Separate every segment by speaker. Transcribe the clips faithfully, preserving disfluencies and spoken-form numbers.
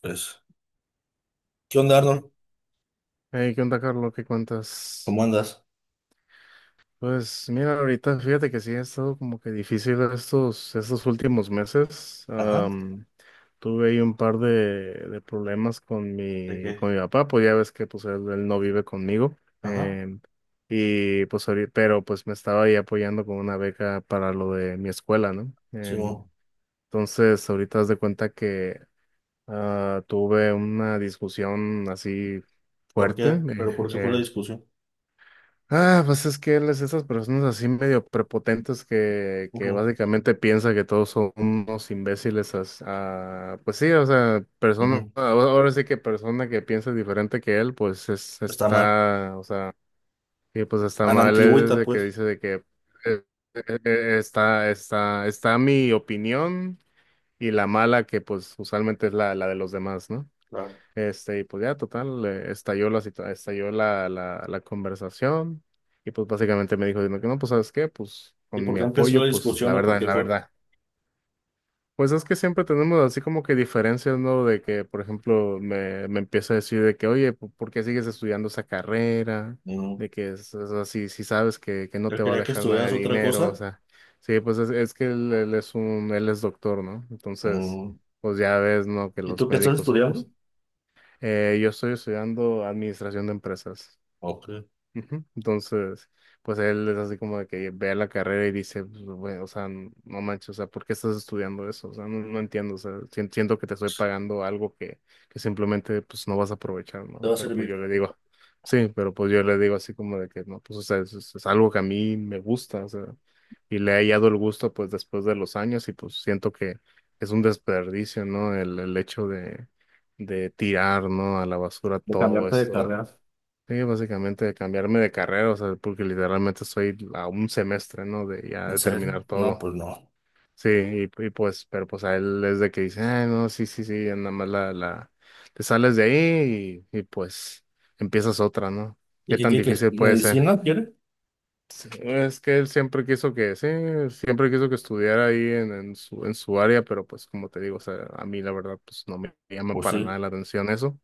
Speaker 1: Pues, ¿qué onda, Arnold?
Speaker 2: Hey, ¿qué onda, Carlos? ¿Qué cuentas?
Speaker 1: ¿Cómo andas?
Speaker 2: Pues mira, ahorita fíjate que sí ha estado como que difícil estos, estos últimos meses.
Speaker 1: Ajá,
Speaker 2: Am, tuve ahí un par de, de problemas con
Speaker 1: ¿de
Speaker 2: mi,
Speaker 1: qué?
Speaker 2: con mi papá, pues ya ves que pues él, él no vive conmigo.
Speaker 1: Ajá,
Speaker 2: em, y pues ahorita, pero pues me estaba ahí apoyando con una beca para lo de mi escuela, ¿no?
Speaker 1: sí,
Speaker 2: Em,
Speaker 1: bueno,
Speaker 2: entonces ahorita haz de cuenta que ah, tuve una discusión así
Speaker 1: ¿por qué?
Speaker 2: fuerte.
Speaker 1: ¿Pero por qué fue la discusión?
Speaker 2: Ah, pues es que él es esas personas así medio prepotentes que, que
Speaker 1: Ujú,
Speaker 2: básicamente piensa que todos son unos imbéciles. As- ah, pues sí, o sea, persona,
Speaker 1: ujú,
Speaker 2: ahora ahora sí que persona que piensa diferente que él, pues es,
Speaker 1: está mal.
Speaker 2: está, o sea, y pues está
Speaker 1: A la
Speaker 2: mal. Él
Speaker 1: antigüita,
Speaker 2: desde que
Speaker 1: pues.
Speaker 2: dice de que eh, eh, eh, está, está, está mi opinión y la mala que pues usualmente es la, la de los demás, ¿no?
Speaker 1: Claro.
Speaker 2: Este, y pues ya, total, eh, estalló la, situa- estalló la, la, la conversación. Y pues básicamente me dijo, diciendo que no, pues ¿sabes qué? Pues
Speaker 1: ¿Y
Speaker 2: con
Speaker 1: por
Speaker 2: mi
Speaker 1: qué empezó
Speaker 2: apoyo,
Speaker 1: la
Speaker 2: pues la
Speaker 1: discusión o por
Speaker 2: verdad,
Speaker 1: qué
Speaker 2: la
Speaker 1: fue?
Speaker 2: verdad. Pues es que siempre tenemos así como que diferencias, ¿no? De que, por ejemplo, me, me empieza a decir de que, oye, ¿po- ¿por qué sigues estudiando esa carrera?
Speaker 1: Mm,
Speaker 2: De que es, es así, si sabes que, que no
Speaker 1: él
Speaker 2: te va a
Speaker 1: quería que
Speaker 2: dejar nada
Speaker 1: estudiaras
Speaker 2: de
Speaker 1: otra
Speaker 2: dinero, o
Speaker 1: cosa.
Speaker 2: sea, sí, pues es, es que él, él es un, él es doctor, ¿no? Entonces,
Speaker 1: Mm,
Speaker 2: pues ya ves, ¿no? Que
Speaker 1: ¿y
Speaker 2: los
Speaker 1: tú qué estás
Speaker 2: médicos.
Speaker 1: estudiando?
Speaker 2: Eh, yo estoy estudiando administración de empresas.
Speaker 1: Ok.
Speaker 2: Ujú. Entonces, pues él es así como de que ve la carrera y dice, pues, güey, o sea, n- no manches, o sea, ¿por qué estás estudiando eso? O sea, no, no entiendo, o sea, sien- siento que te estoy pagando algo que, que simplemente, pues, no vas a aprovechar,
Speaker 1: Te
Speaker 2: ¿no?
Speaker 1: va a
Speaker 2: Pero pues
Speaker 1: servir.
Speaker 2: yo le digo, sí, pero pues yo le digo así como de que, no, pues, o sea, es, es- es algo que a mí me gusta, o sea, y le he hallado el gusto, pues, después de los años y pues siento que es un desperdicio, ¿no? El, el hecho de, de tirar, ¿no? A la basura
Speaker 1: De
Speaker 2: todo
Speaker 1: cambiarte de
Speaker 2: esto.
Speaker 1: carrera.
Speaker 2: Sí, básicamente cambiarme de carrera, o sea, porque literalmente estoy a un semestre, ¿no? De ya
Speaker 1: ¿En
Speaker 2: de
Speaker 1: serio?
Speaker 2: terminar
Speaker 1: No,
Speaker 2: todo.
Speaker 1: pues no.
Speaker 2: Sí, y, y pues, pero pues a él es de que dice, ah, no, sí, sí, sí, ya nada más la, la, te sales de ahí y, y pues empiezas otra, ¿no?
Speaker 1: ¿Y
Speaker 2: ¿Qué
Speaker 1: qué
Speaker 2: tan
Speaker 1: quiere? Que
Speaker 2: difícil puede ser?
Speaker 1: ¿Medicina quiere?
Speaker 2: Sí, es que él siempre quiso que, sí, siempre quiso que estudiara ahí en, en su, en su área, pero pues como te digo, o sea, a mí la verdad, pues no me llama
Speaker 1: Pues
Speaker 2: para nada
Speaker 1: sí.
Speaker 2: la atención eso.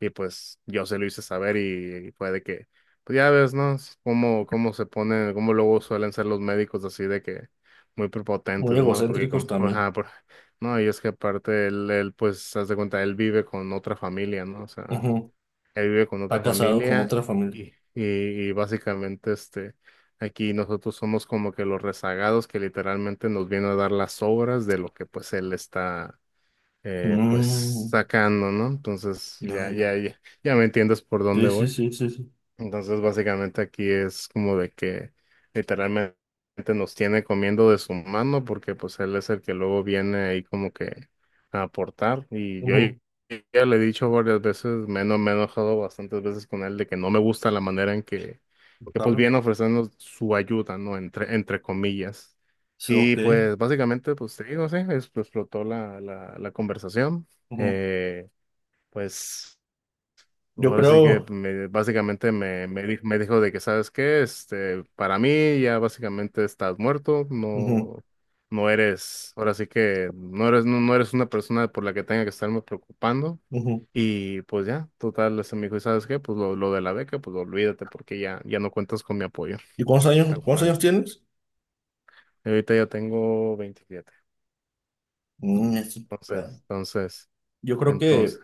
Speaker 2: Y pues yo se lo hice saber y, y fue de que, pues ya ves, ¿no? Es Cómo, cómo se ponen cómo luego suelen ser los médicos así de que muy
Speaker 1: Muy
Speaker 2: prepotentes, ¿no? Porque
Speaker 1: egocéntricos
Speaker 2: como,
Speaker 1: también.
Speaker 2: ajá, por- no, y es que aparte él, él, pues, haz de cuenta, él vive con otra familia, ¿no? O sea,
Speaker 1: Ujú.
Speaker 2: él vive con
Speaker 1: Está
Speaker 2: otra
Speaker 1: casado con
Speaker 2: familia
Speaker 1: otra familia.
Speaker 2: y, y, y básicamente, este, aquí nosotros somos como que los rezagados que literalmente nos vienen a dar las obras de lo que pues él está eh, pues
Speaker 1: Mm.
Speaker 2: sacando, ¿no? Entonces
Speaker 1: Ya,
Speaker 2: ya,
Speaker 1: ya.
Speaker 2: ya, ya, ya me entiendes por dónde
Speaker 1: Sí, sí,
Speaker 2: voy.
Speaker 1: sí, sí, sí.
Speaker 2: Entonces, básicamente aquí es como de que literalmente nos tiene comiendo de su mano porque pues él es el que luego viene ahí como que a aportar. Y yo
Speaker 1: Ujú.
Speaker 2: ya le he dicho varias veces, me, he eno- me he enojado bastantes veces con él de que no me gusta la manera en que,
Speaker 1: Lo
Speaker 2: que pues
Speaker 1: saben.
Speaker 2: viene ofreciendo su ayuda, ¿no? Entre, entre comillas.
Speaker 1: Sí,
Speaker 2: Y
Speaker 1: ok.
Speaker 2: pues básicamente, pues te digo, sí, es- explotó la, la, la conversación.
Speaker 1: Ujú.
Speaker 2: Eh, pues...
Speaker 1: Yo
Speaker 2: Ahora sí que
Speaker 1: creo.
Speaker 2: me- básicamente me, me, di- me dijo de que, ¿sabes qué? Este, para mí ya básicamente estás muerto,
Speaker 1: Ujú,
Speaker 2: no, no eres, ahora sí que no eres, no, no eres una persona por la que tenga que estarme preocupando.
Speaker 1: ujú.
Speaker 2: Y pues ya, total, ese me dijo, ¿y sabes qué? Pues lo, lo de la beca, pues olvídate porque ya, ya no cuentas con mi apoyo,
Speaker 1: ¿Y cuántos años,
Speaker 2: tal
Speaker 1: cuántos
Speaker 2: cual.
Speaker 1: años tienes?
Speaker 2: Y ahorita ya tengo veintisiete.
Speaker 1: Mm, es un pedo.
Speaker 2: entonces, entonces,
Speaker 1: Yo creo
Speaker 2: entonces.
Speaker 1: que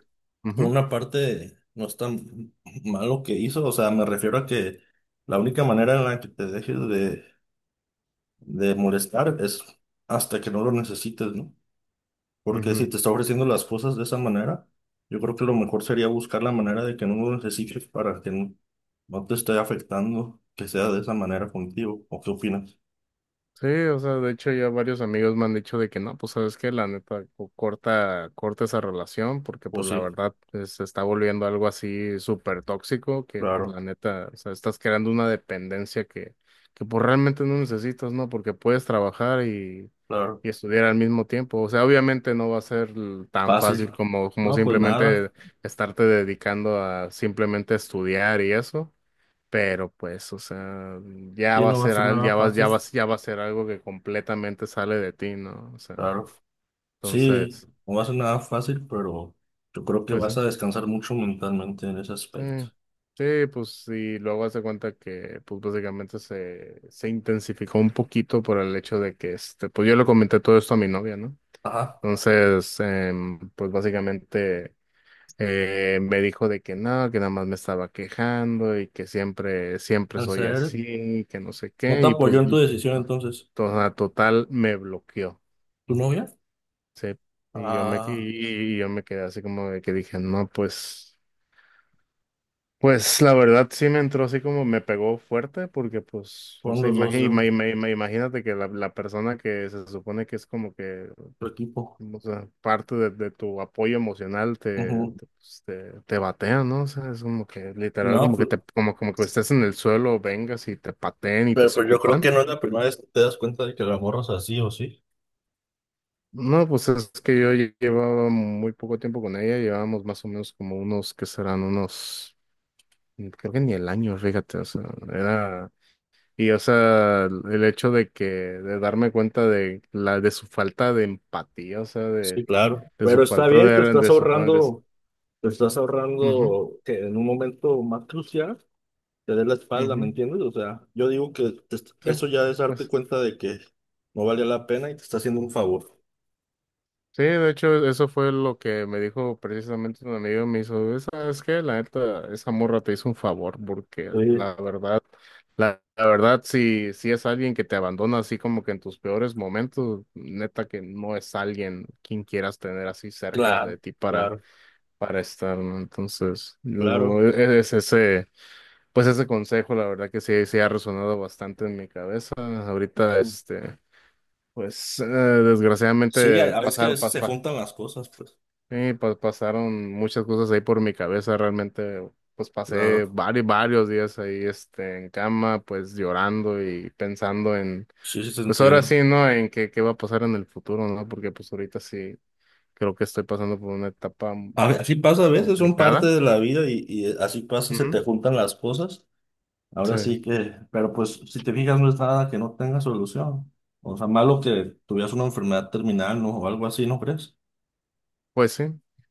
Speaker 1: por una parte no es tan malo que hizo. O sea, me refiero a que la única manera en la que te dejes de, de molestar es hasta que no lo necesites, ¿no?
Speaker 2: Ujú,
Speaker 1: Porque
Speaker 2: ujú.
Speaker 1: si te está ofreciendo las cosas de esa manera, yo creo que lo mejor sería buscar la manera de que no lo necesites para que no, no te esté afectando, que sea de esa manera contigo. ¿O qué opinas?
Speaker 2: Sí, o sea, de hecho ya varios amigos me han dicho de que no, pues sabes que la neta co- corta, corta esa relación porque
Speaker 1: Pues
Speaker 2: pues la
Speaker 1: sí,
Speaker 2: verdad pues, se está volviendo algo así súper tóxico que pues
Speaker 1: claro,
Speaker 2: la neta, o sea, estás creando una dependencia que, que pues realmente no necesitas, ¿no? Porque puedes trabajar y,
Speaker 1: claro.
Speaker 2: y estudiar al mismo tiempo. O sea, obviamente no va a ser l- tan fácil
Speaker 1: Fácil.
Speaker 2: como, como
Speaker 1: No, pues nada.
Speaker 2: simplemente estarte dedicando a simplemente estudiar y eso. Pero pues, o sea, ya
Speaker 1: Sí,
Speaker 2: va a
Speaker 1: no va a
Speaker 2: ser,
Speaker 1: ser
Speaker 2: al-
Speaker 1: nada
Speaker 2: ya va, ya
Speaker 1: fácil.
Speaker 2: va, ya va a ser algo que completamente sale de ti, ¿no? O sea,
Speaker 1: Claro. Sí,
Speaker 2: entonces,
Speaker 1: no va a ser nada fácil, pero yo creo que
Speaker 2: pues sí,
Speaker 1: vas a descansar mucho mentalmente en ese
Speaker 2: sí,
Speaker 1: aspecto.
Speaker 2: sí, pues sí, luego hace cuenta que, pues básicamente se, se intensificó un poquito por el hecho de que, este, pues yo le comenté todo esto a mi novia, ¿no?
Speaker 1: Ajá.
Speaker 2: Entonces, em, pues básicamente Eh, me dijo de que no, que nada más me estaba quejando y que siempre, siempre
Speaker 1: En
Speaker 2: soy
Speaker 1: serio.
Speaker 2: así, que no sé
Speaker 1: ¿No
Speaker 2: qué,
Speaker 1: te
Speaker 2: y
Speaker 1: apoyó
Speaker 2: pues
Speaker 1: en tu
Speaker 2: no,
Speaker 1: decisión entonces?
Speaker 2: toda- total me bloqueó,
Speaker 1: ¿Tu novia?
Speaker 2: sí. Y yo me,
Speaker 1: Ah,
Speaker 2: y, y yo me quedé así como de que dije, no, pues, pues la verdad sí me entró así como me pegó fuerte, porque pues, o
Speaker 1: fueron
Speaker 2: sea,
Speaker 1: los dos
Speaker 2: imagi-
Speaker 1: de
Speaker 2: ima-
Speaker 1: un
Speaker 2: ima- ima- imagínate que la, la persona que se supone que es como que.
Speaker 1: tu equipo.
Speaker 2: O sea, parte de, de tu apoyo emocional te,
Speaker 1: Ujú.
Speaker 2: te, pues, te, te batea, ¿no? O sea, es como que literal,
Speaker 1: No,
Speaker 2: como que
Speaker 1: pues,
Speaker 2: te, como, como que estés en el suelo, vengas y te pateen y te
Speaker 1: pero, pues yo creo que
Speaker 2: escupan.
Speaker 1: no es la primera vez que te das cuenta de que la morra es así o sí.
Speaker 2: No, pues es que yo lle- llevaba muy poco tiempo con ella, llevábamos más o menos como unos, que serán unos, mm, creo que ni el año, fíjate, o sea, era, y o sea, el el hecho de que, de darme cuenta de la, de su falta de empatía, o sea, de,
Speaker 1: Sí, claro.
Speaker 2: de su
Speaker 1: Pero está
Speaker 2: falta
Speaker 1: bien, te
Speaker 2: de,
Speaker 1: estás
Speaker 2: de su falta de.
Speaker 1: ahorrando, te estás
Speaker 2: Ujú,
Speaker 1: ahorrando que en un momento más crucial te dé la espalda, ¿me
Speaker 2: ujú.
Speaker 1: entiendes? O sea, yo digo que te est-
Speaker 2: Sí,
Speaker 1: eso ya es darte
Speaker 2: pues
Speaker 1: cuenta de que no valía la pena y te está haciendo un favor.
Speaker 2: sí, de hecho eso fue lo que me dijo precisamente un amigo, me hizo, ¿sabes qué? La neta, esa morra te hizo un favor porque
Speaker 1: Sí,
Speaker 2: la verdad, la, la verdad, si, si es alguien que te abandona así como que en tus peores momentos, neta que no es alguien quien quieras tener así cerca
Speaker 1: claro,
Speaker 2: de ti para,
Speaker 1: claro,
Speaker 2: para estar, ¿no? Entonces,
Speaker 1: claro.
Speaker 2: yo- e-, es ese, pues ese consejo, la verdad que sí, sí ha resonado bastante en mi cabeza. Ahorita, este. Pues eh,
Speaker 1: Sí,
Speaker 2: desgraciadamente,
Speaker 1: a, a veces que a
Speaker 2: pasaron,
Speaker 1: veces
Speaker 2: pas-
Speaker 1: se
Speaker 2: pa-
Speaker 1: juntan las cosas, pues.
Speaker 2: sí, pa- pasaron muchas cosas ahí por mi cabeza, realmente, pues
Speaker 1: Claro,
Speaker 2: pasé varios, varios días ahí, este, en cama, pues llorando y pensando en,
Speaker 1: sí, sí, te
Speaker 2: pues ahora
Speaker 1: entiendo.
Speaker 2: sí, ¿no? En qué, qué va a pasar en el futuro, ¿no? Porque pues ahorita sí creo que estoy pasando por una etapa
Speaker 1: A ve- Así pasa a veces, son parte
Speaker 2: complicada.
Speaker 1: de la vida y, y eh, así pasa, se te
Speaker 2: Ujú.
Speaker 1: juntan las cosas.
Speaker 2: Sí.
Speaker 1: Ahora sí que, pero pues si te fijas no es nada que no tenga solución. O sea, malo que tuvieras una enfermedad terminal, ¿no? O algo así, ¿no crees?
Speaker 2: Pues sí.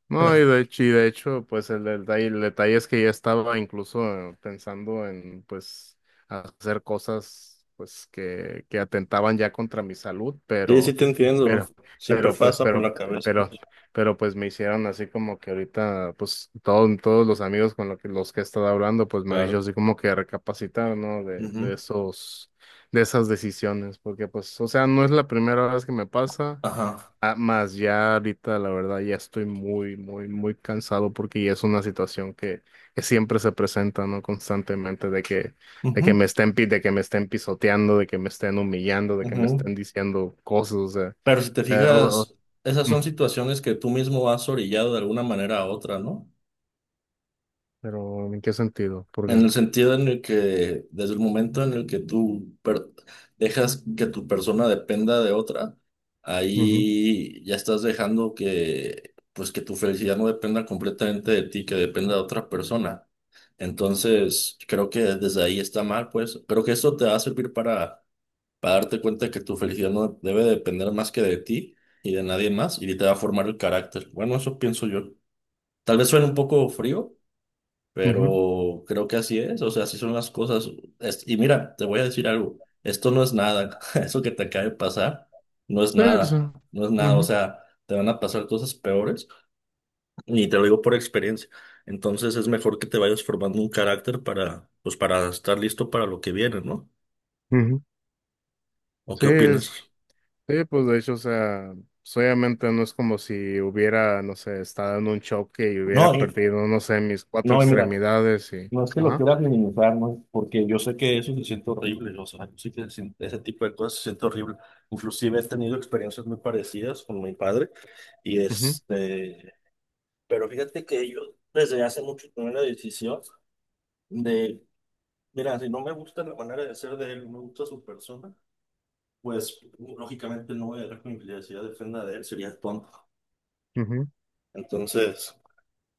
Speaker 2: No, y de hecho, y de hecho, pues el detalle, el detalle es que ya estaba incluso eh, pensando en, pues, hacer cosas, pues, que, que atentaban ya contra mi salud,
Speaker 1: Sí, sí
Speaker 2: pero,
Speaker 1: te entiendo.
Speaker 2: pero,
Speaker 1: Siempre
Speaker 2: pero, pues,
Speaker 1: pasa por
Speaker 2: pero,
Speaker 1: la cabeza.
Speaker 2: pero, pero, pues, me hicieron así como que ahorita, pues, todos, todos los amigos con los que, los que he estado hablando, pues, me han dicho
Speaker 1: Claro.
Speaker 2: así como que recapacitar, ¿no? De, de
Speaker 1: Ujú.
Speaker 2: esos, de esas decisiones, porque, pues, o sea, no es la primera vez que me pasa.
Speaker 1: Ajá.
Speaker 2: Ah, más ya ahorita, la verdad, ya estoy muy, muy, muy cansado porque ya es una situación que, que siempre se presenta, ¿no? Constantemente de que, de que
Speaker 1: Ujú.
Speaker 2: me estén, pi- de que me estén pisoteando, de que me estén humillando, de que me
Speaker 1: Ujú.
Speaker 2: estén diciendo cosas, o sea,
Speaker 1: Pero si te
Speaker 2: eh, o- o-
Speaker 1: fijas, esas
Speaker 2: mm,
Speaker 1: son situaciones que tú mismo has orillado de alguna manera a otra, ¿no?
Speaker 2: pero ¿en qué sentido?
Speaker 1: En
Speaker 2: Porque,
Speaker 1: el sentido en el que, desde el momento en el que tú per- dejas que tu persona dependa de otra,
Speaker 2: qué? Ujú,
Speaker 1: ahí ya estás dejando que, pues que tu felicidad no dependa completamente de ti, que dependa de otra persona. Entonces, creo que desde ahí está mal, pues. Creo que esto te va a servir para, para darte cuenta de que tu felicidad no debe depender más que de ti y de nadie más, y te va a formar el carácter. Bueno, eso pienso yo. Tal vez suene un poco frío
Speaker 2: ujú,
Speaker 1: pero creo que así es, o sea, así son las cosas. Es- y mira, te voy a decir algo, esto no es nada, eso que te acaba de pasar no es
Speaker 2: sí, sí,
Speaker 1: nada, no es nada, o
Speaker 2: ujú,
Speaker 1: sea, te van a pasar cosas peores y te lo digo por experiencia. Entonces es mejor que te vayas formando un carácter para, pues para estar listo para lo que viene, ¿no?
Speaker 2: ujú.
Speaker 1: ¿O
Speaker 2: Sí,
Speaker 1: qué opinas?
Speaker 2: sí. Sí, pues de hecho, o sea, pues, obviamente no es como si hubiera, no sé, estado en un choque y
Speaker 1: No,
Speaker 2: hubiera
Speaker 1: y,
Speaker 2: perdido, no sé, mis cuatro
Speaker 1: no, y mira.
Speaker 2: extremidades y.
Speaker 1: No es que lo
Speaker 2: Ajá.
Speaker 1: quieras minimizar, ¿no? Porque yo sé que eso se siente horrible, o sea, yo sé que se- ese tipo de cosas se siente horrible. Inclusive he tenido experiencias muy parecidas con mi padre, y
Speaker 2: Ujú,
Speaker 1: este, pero fíjate que yo desde hace mucho tomé la decisión de, mira, si no me gusta la manera de ser de él, no me gusta su persona, pues lógicamente no voy a dejar que mi felicidad dependa de él, sería tonto.
Speaker 2: ujú,
Speaker 1: Entonces,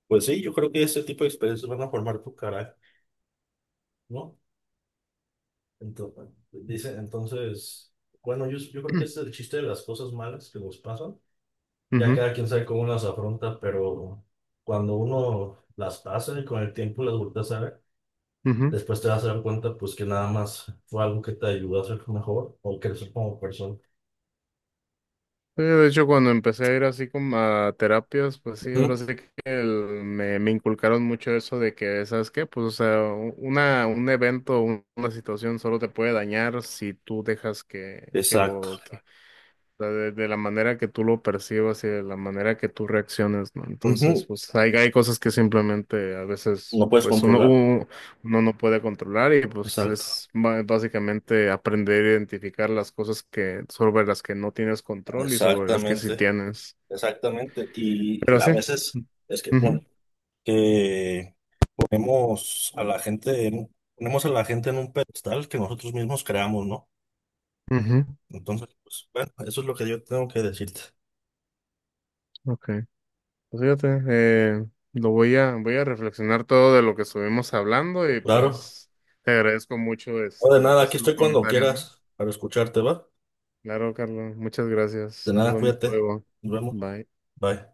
Speaker 1: pues sí, yo creo que ese tipo de experiencias van a formar tu carácter, ¿no? Entonces, dice, entonces, bueno, yo, yo creo que ese es el chiste de las cosas malas que nos pasan. Ya
Speaker 2: ujú,
Speaker 1: cada quien sabe cómo las afronta, pero cuando uno las pasa y con el tiempo las vueltas a ver,
Speaker 2: ujú.
Speaker 1: después te vas a dar cuenta pues que nada más fue algo que te ayudó a ser mejor o crecer como persona.
Speaker 2: Sí, de hecho, cuando empecé a ir así como a terapias, pues sí, ahora
Speaker 1: Ujú,
Speaker 2: sí que el- me, me inculcaron mucho eso de que, ¿sabes qué? Pues, o sea, u- una, un evento, un- una situación solo te puede dañar si tú dejas que, que
Speaker 1: exacto.
Speaker 2: lo, que, sea, de, de la manera que tú lo percibas y de la manera que tú reacciones, ¿no? Entonces,
Speaker 1: Ujú,
Speaker 2: pues hay, hay cosas que simplemente a veces,
Speaker 1: no puedes
Speaker 2: pues uno,
Speaker 1: controlar.
Speaker 2: u- uno no puede controlar y pues
Speaker 1: Exacto.
Speaker 2: es ba- básicamente aprender a identificar las cosas que, sobre las que no tienes control y sobre las que sí
Speaker 1: Exactamente.
Speaker 2: tienes.
Speaker 1: Exactamente. Y
Speaker 2: Pero
Speaker 1: a
Speaker 2: sí.
Speaker 1: veces es que, bueno,
Speaker 2: Ujú,
Speaker 1: ponemos a la gente en, ponemos a la gente en un pedestal que nosotros mismos creamos, ¿no?
Speaker 2: ujú,
Speaker 1: Entonces, pues, bueno, eso es lo que yo tengo que decirte.
Speaker 2: ok. Pues fíjate, eh, lo voy a, voy a reflexionar todo de lo que estuvimos hablando y
Speaker 1: Claro.
Speaker 2: pues te agradezco mucho
Speaker 1: No, de
Speaker 2: este,
Speaker 1: nada,
Speaker 2: pues,
Speaker 1: aquí
Speaker 2: los
Speaker 1: estoy cuando
Speaker 2: comentarios, ¿no?
Speaker 1: quieras para escucharte, ¿va?
Speaker 2: Claro, Carlos. Muchas
Speaker 1: De
Speaker 2: gracias. Nos
Speaker 1: nada,
Speaker 2: vemos
Speaker 1: cuídate.
Speaker 2: luego.
Speaker 1: Nos vemos.
Speaker 2: Bye.
Speaker 1: Bye.